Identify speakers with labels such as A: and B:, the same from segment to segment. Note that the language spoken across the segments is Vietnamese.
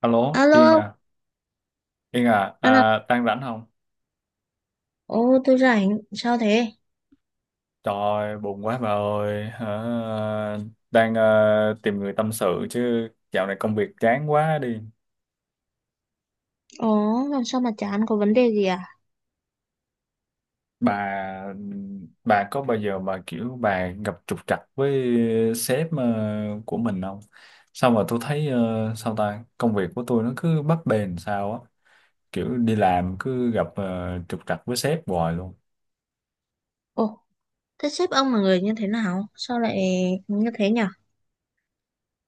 A: Alo, Yên
B: Alo,
A: à, Yên à,
B: anh à,
A: à đang rảnh không?
B: ồ tôi rảnh, sao thế?
A: Trời ơi, buồn quá bà ơi, hả? Đang tìm người tâm sự chứ dạo này công việc chán quá đi.
B: Ồ, làm sao mà chán có vấn đề gì à?
A: Bà bà có bao giờ mà kiểu bà gặp trục trặc với sếp của mình không? Sao mà tôi thấy sao ta, công việc của tôi nó cứ bấp bênh sao á, kiểu đi làm cứ gặp trục trặc với sếp hoài luôn.
B: Ồ, thế sếp ông là người như thế nào? Sao lại như thế nhỉ?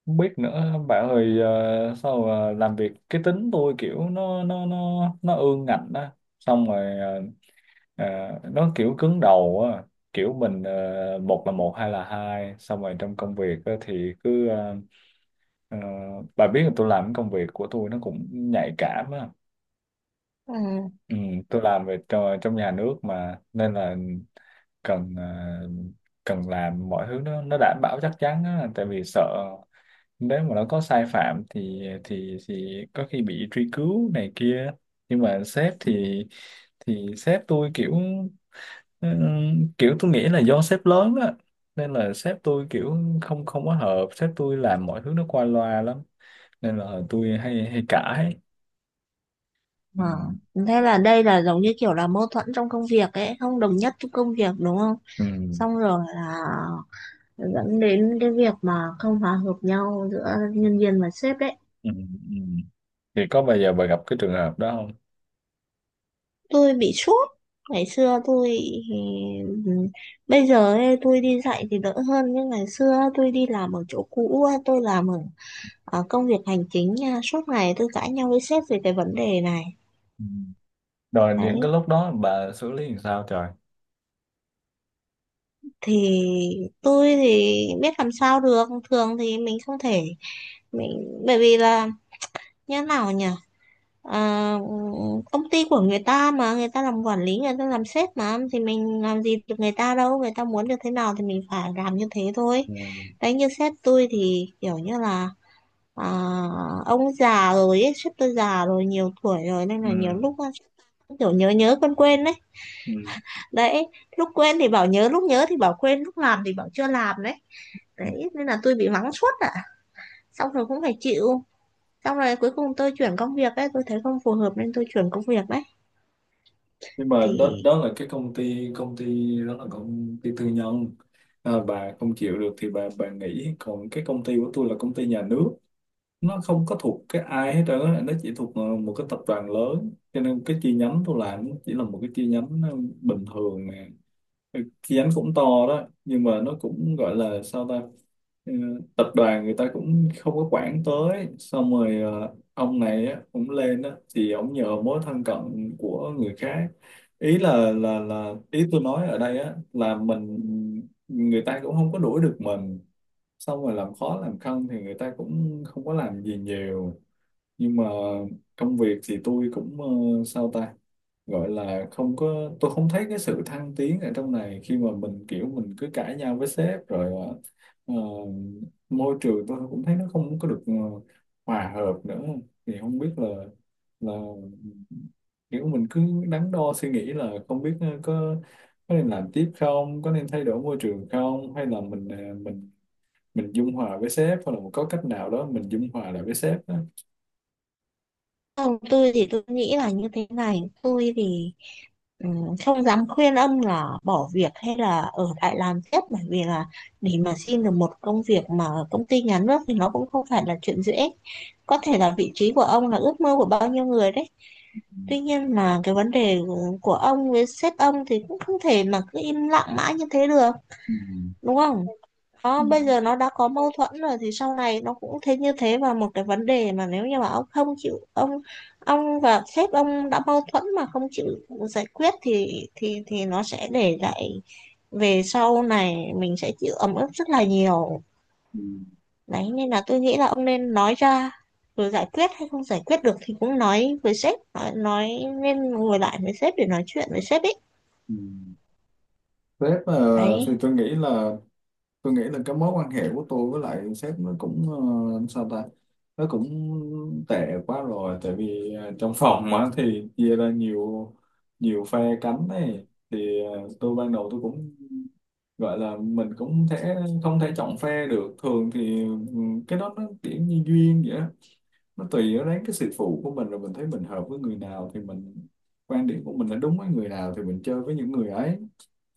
A: Không biết nữa bạn ơi, sao mà làm việc cái tính tôi kiểu nó ương ngạnh á. Xong rồi, ờ, nó kiểu cứng đầu á. Kiểu mình, một là một hai là hai, xong rồi trong công việc á, thì cứ ờ, bà biết là tôi làm cái công việc của tôi nó cũng nhạy cảm á.
B: Ừ.
A: Ừ, tôi làm về trong nhà nước mà, nên là cần, cần làm mọi thứ nó đảm bảo chắc chắn á, tại vì sợ nếu mà nó có sai phạm thì có khi bị truy cứu này kia. Nhưng mà sếp thì sếp tôi kiểu, kiểu tôi nghĩ là do sếp lớn á, nên là sếp tôi kiểu không không có hợp, sếp tôi làm mọi thứ nó qua loa lắm, nên là tôi hay hay cãi. Ừ.
B: Ờ, thế là đây là giống như kiểu là mâu thuẫn trong công việc ấy, không đồng nhất trong công việc đúng không?
A: Ừ.
B: Xong rồi là dẫn đến cái việc mà không hòa hợp nhau giữa nhân viên và sếp đấy.
A: Ừ. Ừ. Thì có bao giờ bà gặp cái trường hợp đó không?
B: Tôi bị sốt ngày xưa tôi ừ, ừ, bây giờ ấy, tôi đi dạy thì đỡ hơn nhưng ngày xưa tôi đi làm ở chỗ cũ á, tôi làm ở, ở công việc hành chính nha, suốt ngày tôi cãi nhau với sếp về cái vấn đề này.
A: Ừ. Rồi những
B: Đấy
A: cái lúc đó bà xử lý làm sao trời?
B: thì tôi thì biết làm sao được, thường thì mình không thể, mình bởi vì là như thế nào nhỉ, à, công ty của người ta mà người ta làm quản lý, người ta làm sếp mà thì mình làm gì được người ta đâu, người ta muốn được thế nào thì mình phải làm như thế thôi.
A: Ừ.
B: Đấy như sếp tôi thì kiểu như là à, ông già rồi ấy, sếp tôi già rồi, nhiều tuổi rồi nên
A: Ừ.
B: là nhiều lúc kiểu nhớ nhớ quên quên đấy.
A: Ừ.
B: Đấy, lúc quên thì bảo nhớ, lúc nhớ thì bảo quên, lúc làm thì bảo chưa làm đấy.
A: Ừ.
B: Đấy nên là tôi bị mắng suốt ạ, xong rồi cũng phải chịu, xong rồi cuối cùng tôi chuyển công việc ấy, tôi thấy không phù hợp nên tôi chuyển công việc đấy.
A: Nhưng mà đó
B: Thì
A: đó là cái công ty đó là công ty tư nhân. À, bà không chịu được thì bà nghỉ, còn cái công ty của tôi là công ty nhà nước, nó không có thuộc cái ai hết trơn á, nó chỉ thuộc một cái tập đoàn lớn, cho nên cái chi nhánh tôi làm nó chỉ là một cái chi nhánh bình thường nè. Kiến cũng to đó, nhưng mà nó cũng gọi là sao ta. Ừ, tập đoàn người ta cũng không có quản tới, xong rồi ông này á, cũng lên á, thì ông nhờ mối thân cận của người khác. Ý là ý tôi nói ở đây á, là mình, người ta cũng không có đuổi được mình, xong rồi làm khó làm khăn thì người ta cũng không có làm gì nhiều. Nhưng mà công việc thì tôi cũng, sao ta, gọi là không có, tôi không thấy cái sự thăng tiến ở trong này khi mà mình kiểu mình cứ cãi nhau với sếp rồi, ờ, môi trường tôi cũng thấy nó không có được hòa hợp nữa. Thì không biết là kiểu mình cứ đắn đo suy nghĩ là không biết, có nên làm tiếp không, có nên thay đổi môi trường không, hay là mình, mình dung hòa với sếp, hoặc là có cách nào đó mình dung hòa lại với sếp đó.
B: không, tôi thì tôi nghĩ là như thế này, tôi thì ừ, không dám khuyên ông là bỏ việc hay là ở lại làm tiếp, bởi vì là để mà xin được một công việc mà ở công ty nhà nước thì nó cũng không phải là chuyện dễ, có thể là vị trí của ông là ước mơ của bao nhiêu người đấy.
A: Ừ.
B: Tuy nhiên là cái vấn đề của ông với sếp ông thì cũng không thể mà cứ im lặng mãi như thế được,
A: Ừ.
B: đúng không?
A: Ừ.
B: Đó, bây giờ nó đã có mâu thuẫn rồi thì sau này nó cũng thế như thế, và một cái vấn đề mà nếu như mà ông không chịu ông và sếp ông đã mâu thuẫn mà không chịu giải quyết thì thì nó sẽ để lại về sau này, mình sẽ chịu ấm ức rất là nhiều.
A: Ừ.
B: Đấy nên là tôi nghĩ là ông nên nói ra, rồi giải quyết hay không giải quyết được thì cũng nói với sếp, nói nên ngồi lại với sếp để nói chuyện với sếp ấy
A: Ừ. Sếp,
B: đấy.
A: thì tôi nghĩ là, cái mối quan hệ của tôi với lại sếp nó cũng, sao ta, nó cũng tệ quá rồi. Tại vì trong phòng á thì chia ra nhiều nhiều phe cánh này, thì tôi ban đầu tôi cũng gọi là mình cũng thể không thể chọn phe được. Thường thì cái đó nó kiểu như duyên vậy á. Nó tùy ở đến cái sự phụ của mình, rồi mình thấy mình hợp với người nào thì mình, quan điểm của mình là đúng với người nào thì mình chơi với những người ấy.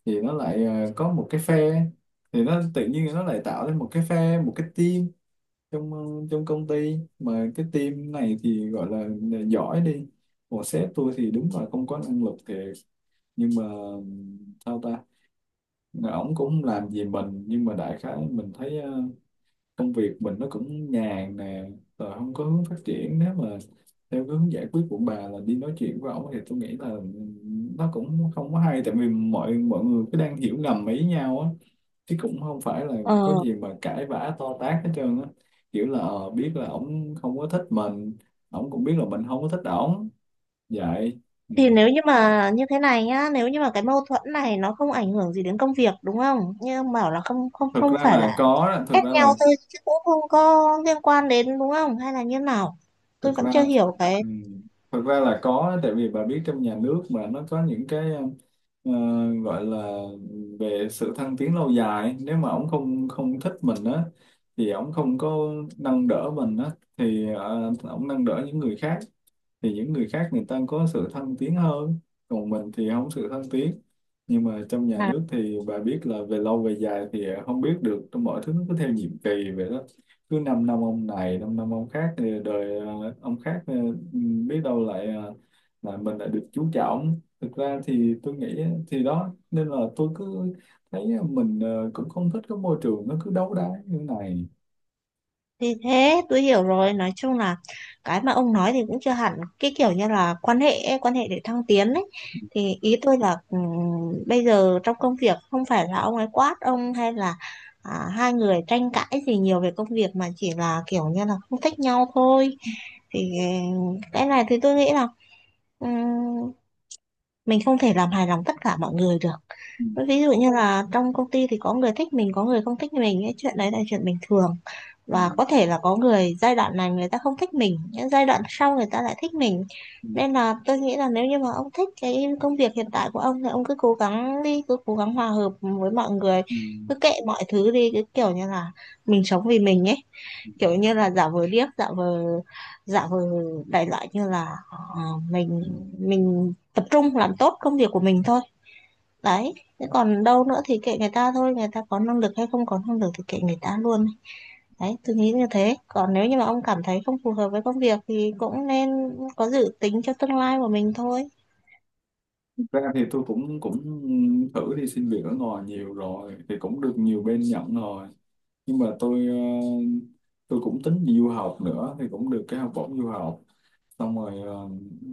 A: Thì nó lại có một cái phe, thì nó tự nhiên nó lại tạo lên một cái phe, một cái team trong, trong công ty, mà cái team này thì gọi là giỏi đi. Còn sếp tôi thì đúng là không có năng lực thiệt, nhưng mà ừm, sao ta, ổng cũng không làm gì mình, nhưng mà đại khái mình thấy công việc mình nó cũng nhàn nè, rồi không có hướng phát triển. Nếu mà theo cái hướng giải quyết của bà là đi nói chuyện với ổng thì tôi nghĩ là nó cũng không có hay, tại vì mọi mọi người cứ đang hiểu ngầm ý nhau á, chứ cũng không phải là có
B: Ờ
A: gì mà cãi vã to tát hết trơn á, kiểu là, biết là ổng không có thích mình, ổng cũng biết là mình không có thích ổng vậy. Ừ.
B: thì nếu như mà như thế này nhá, nếu như mà cái mâu thuẫn này nó không ảnh hưởng gì đến công việc đúng không, như ông bảo là không không
A: Thực
B: không
A: ra
B: phải
A: là có
B: là
A: đó,
B: ghét nhau thôi chứ cũng không có liên quan đến đúng không, hay là như nào, tôi
A: thực
B: vẫn
A: ra
B: chưa hiểu cái.
A: ừ, thực ra là có, tại vì bà biết trong nhà nước mà nó có những cái, ờ, gọi là về sự thăng tiến lâu dài, nếu mà ông không không thích mình á thì ông không có nâng đỡ mình á, thì ông nâng đỡ những người khác, thì những người khác người ta có sự thăng tiến hơn, còn mình thì không sự thăng tiến. Nhưng mà trong nhà nước thì bà biết là về lâu về dài thì không biết được, trong mọi thứ nó cứ theo nhiệm kỳ vậy đó, cứ 5 năm năm ông này, 5 năm năm ông khác, thì đời ông khác biết đâu lại là mình lại được chú trọng. Thực ra thì tôi nghĩ á, thì đó, nên là tôi cứ thấy mình cũng không thích cái môi trường nó cứ đấu đá như thế này.
B: Thì thế tôi hiểu rồi, nói chung là cái mà ông nói thì cũng chưa hẳn, cái kiểu như là quan hệ ấy, quan hệ để thăng tiến ấy, thì ý tôi là bây giờ trong công việc không phải là ông ấy quát ông, hay là à, hai người tranh cãi gì nhiều về công việc mà chỉ là kiểu như là không thích nhau thôi. Thì ừ, cái này thì tôi nghĩ là ừ, mình không thể làm hài lòng tất cả mọi người được.
A: Ừ.
B: Ví dụ như là trong công ty thì có người thích mình, có người không thích mình, cái chuyện đấy là chuyện bình thường,
A: Ừ.
B: và có thể là có người giai đoạn này người ta không thích mình, những giai đoạn sau người ta lại thích mình.
A: Ừ.
B: Nên là tôi nghĩ là nếu như mà ông thích cái công việc hiện tại của ông thì ông cứ cố gắng đi, cứ cố gắng hòa hợp với mọi người, cứ kệ mọi thứ đi, cứ kiểu như là mình sống vì mình ấy,
A: Ừ.
B: kiểu như là giả vờ điếc, giả vờ, giả vờ, đại loại như là ờ, mình mình tập trung làm tốt công việc của mình thôi. Đấy thế còn đâu nữa thì kệ người ta thôi, người ta có năng lực hay không có năng lực thì kệ người ta luôn. Đấy tôi nghĩ như thế, còn nếu như mà ông cảm thấy không phù hợp với công việc thì cũng nên có dự tính cho tương lai của mình thôi.
A: Thực ra thì tôi cũng cũng thử đi xin việc ở ngoài nhiều rồi, thì cũng được nhiều bên nhận rồi, nhưng mà tôi cũng tính đi du học nữa, thì cũng được cái học bổng du học. Xong rồi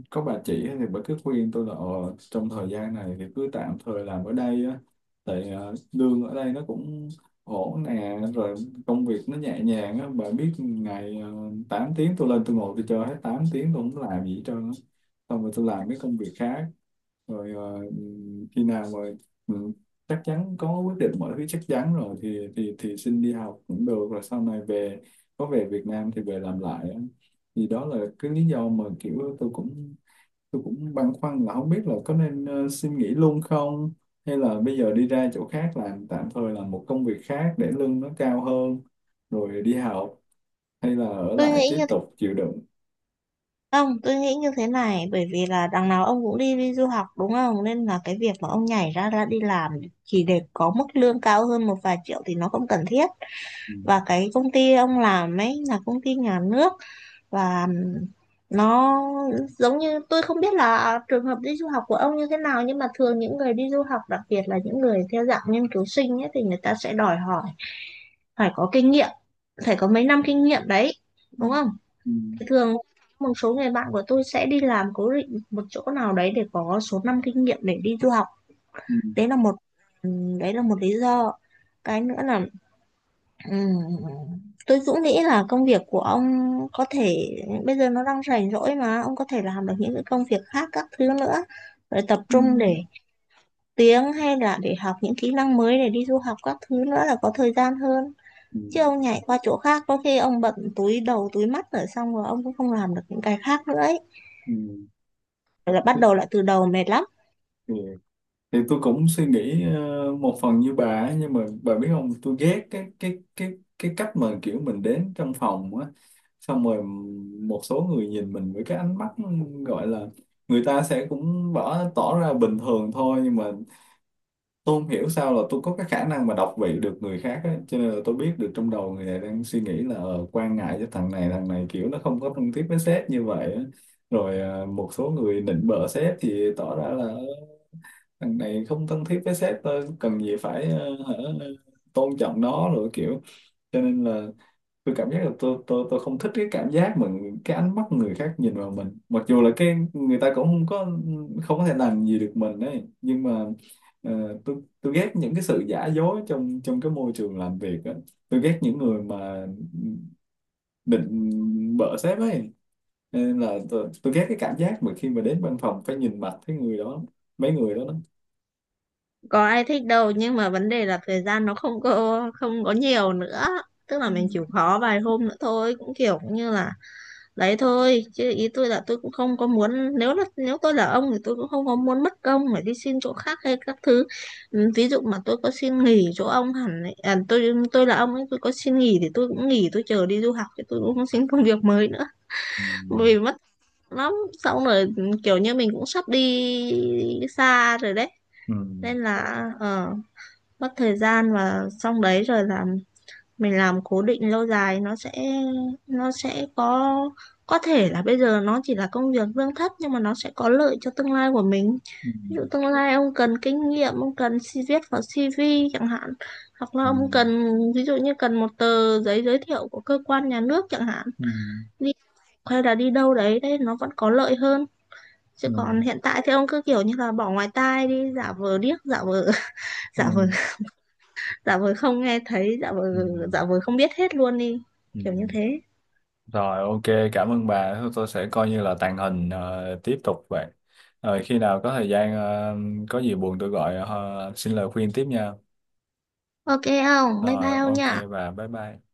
A: có bà chị thì bà cứ khuyên tôi là, trong thời gian này thì cứ tạm thời làm ở đây á, tại lương ở đây nó cũng ổn nè, rồi công việc nó nhẹ nhàng á, bà biết ngày 8 tiếng, tôi lên tôi ngồi tôi chơi hết 8 tiếng, tôi không làm gì hết trơn á. Xong rồi tôi làm mấy công việc khác, rồi khi nào rồi ừ, chắc chắn có quyết định mọi thứ chắc chắn rồi thì xin đi học cũng được, rồi sau này về, có về Việt Nam thì về làm lại á. Thì đó là cái lý do mà kiểu tôi cũng băn khoăn là không biết là có nên, xin nghỉ luôn không, hay là bây giờ đi ra chỗ khác làm tạm thời, làm một công việc khác để lương nó cao hơn rồi đi học, hay là ở
B: Tôi
A: lại
B: nghĩ
A: tiếp
B: như
A: tục chịu đựng.
B: Không, tôi nghĩ như thế này, bởi vì là đằng nào ông cũng đi đi du học đúng không? Nên là cái việc mà ông nhảy ra ra đi làm chỉ để có mức lương cao hơn một vài triệu thì nó không cần thiết.
A: Ừ.
B: Và cái công ty ông làm ấy là công ty nhà nước, và nó giống như, tôi không biết là trường hợp đi du học của ông như thế nào, nhưng mà thường những người đi du học, đặc biệt là những người theo dạng nghiên cứu sinh ấy, thì người ta sẽ đòi hỏi phải có kinh nghiệm, phải có mấy năm kinh nghiệm đấy.
A: Ừ.
B: Đúng không?
A: Ừ.
B: Thường một số người bạn của tôi sẽ đi làm cố định một chỗ nào đấy để có số năm kinh nghiệm để đi du học.
A: Ừ.
B: Đấy là một ừ, đấy là một lý do. Cái nữa là ừm, tôi cũng nghĩ là công việc của ông có thể bây giờ nó đang rảnh rỗi mà ông có thể làm được những cái công việc khác các thứ nữa, rồi tập
A: Ừ.
B: trung để tiếng hay là để học những kỹ năng mới để đi du học các thứ nữa là có thời gian hơn.
A: Ừ.
B: Chứ ông nhảy qua chỗ khác có khi ông bận túi đầu túi mắt rồi, xong rồi ông cũng không làm được những cái khác nữa ấy,
A: Ừ.
B: là bắt
A: Thế,
B: đầu lại từ đầu mệt lắm.
A: thì thì tôi cũng suy nghĩ một phần như bà ấy, nhưng mà bà biết không, tôi ghét cái cách mà kiểu mình đến trong phòng á, xong rồi một số người nhìn mình với cái ánh mắt gọi là, người ta sẽ cũng bỏ tỏ ra bình thường thôi, nhưng mà tôi không hiểu sao là tôi có cái khả năng mà đọc vị được người khác á, cho nên là tôi biết được trong đầu người này đang suy nghĩ là, quan ngại cho thằng này, thằng này kiểu nó không có thân thiết với sếp như vậy á. Rồi một số người nịnh bợ sếp thì tỏ ra là thằng này không thân thiết với sếp, tôi cần gì phải, hả, tôn trọng nó, rồi kiểu, cho nên là tôi cảm giác là tôi không thích cái cảm giác mà cái ánh mắt người khác nhìn vào mình, mặc dù là cái người ta cũng không có thể làm gì được mình ấy, nhưng mà tôi ghét những cái sự giả dối trong trong cái môi trường làm việc á. Tôi ghét những người mà định bợ sếp ấy. Cho nên là tôi ghét cái cảm giác mà khi mà đến văn phòng phải nhìn mặt cái người đó, mấy người đó đó.
B: Có ai thích đâu, nhưng mà vấn đề là thời gian nó không có nhiều nữa, tức là mình chịu khó vài hôm nữa thôi cũng kiểu như là đấy thôi. Chứ ý tôi là tôi cũng không có muốn, nếu là nếu tôi là ông thì tôi cũng không có muốn mất công phải đi xin chỗ khác hay các thứ. Ừ, ví dụ mà tôi có xin nghỉ chỗ ông hẳn ấy, à, tôi là ông ấy tôi có xin nghỉ thì tôi cũng nghỉ, tôi chờ đi du học thì tôi cũng không xin công việc mới nữa,
A: Ừ.
B: vì mất lắm. Xong rồi kiểu như mình cũng sắp đi xa rồi đấy,
A: Ừ.
B: nên là ờ, mất thời gian, và xong đấy rồi là mình làm cố định lâu dài nó sẽ, nó sẽ có thể là bây giờ nó chỉ là công việc lương thấp nhưng mà nó sẽ có lợi cho tương lai của mình.
A: Ừ.
B: Ví dụ tương lai ông cần kinh nghiệm, ông cần viết vào CV chẳng hạn, hoặc là
A: Ừ.
B: ông cần ví dụ như cần một tờ giấy giới thiệu của cơ quan nhà nước chẳng hạn
A: Ừ.
B: đi, hay là đi đâu đấy, đấy nó vẫn có lợi hơn. Chứ
A: Ừ.
B: còn hiện tại thì ông cứ kiểu như là bỏ ngoài tai đi, giả vờ điếc, giả vờ giả vờ,
A: Ừ.
B: giả vờ không nghe thấy, giả vờ,
A: Ừ.
B: giả vờ không biết hết luôn đi,
A: Ừ.
B: kiểu như thế.
A: Rồi, ok, cảm ơn bà. Thôi, tôi sẽ coi như là tàng hình, tiếp tục vậy. Rồi khi nào có thời gian, có gì buồn tôi gọi, xin lời khuyên tiếp nha.
B: Ok không, bye
A: Rồi
B: bye ông
A: ok
B: nha.
A: bà, bye bye.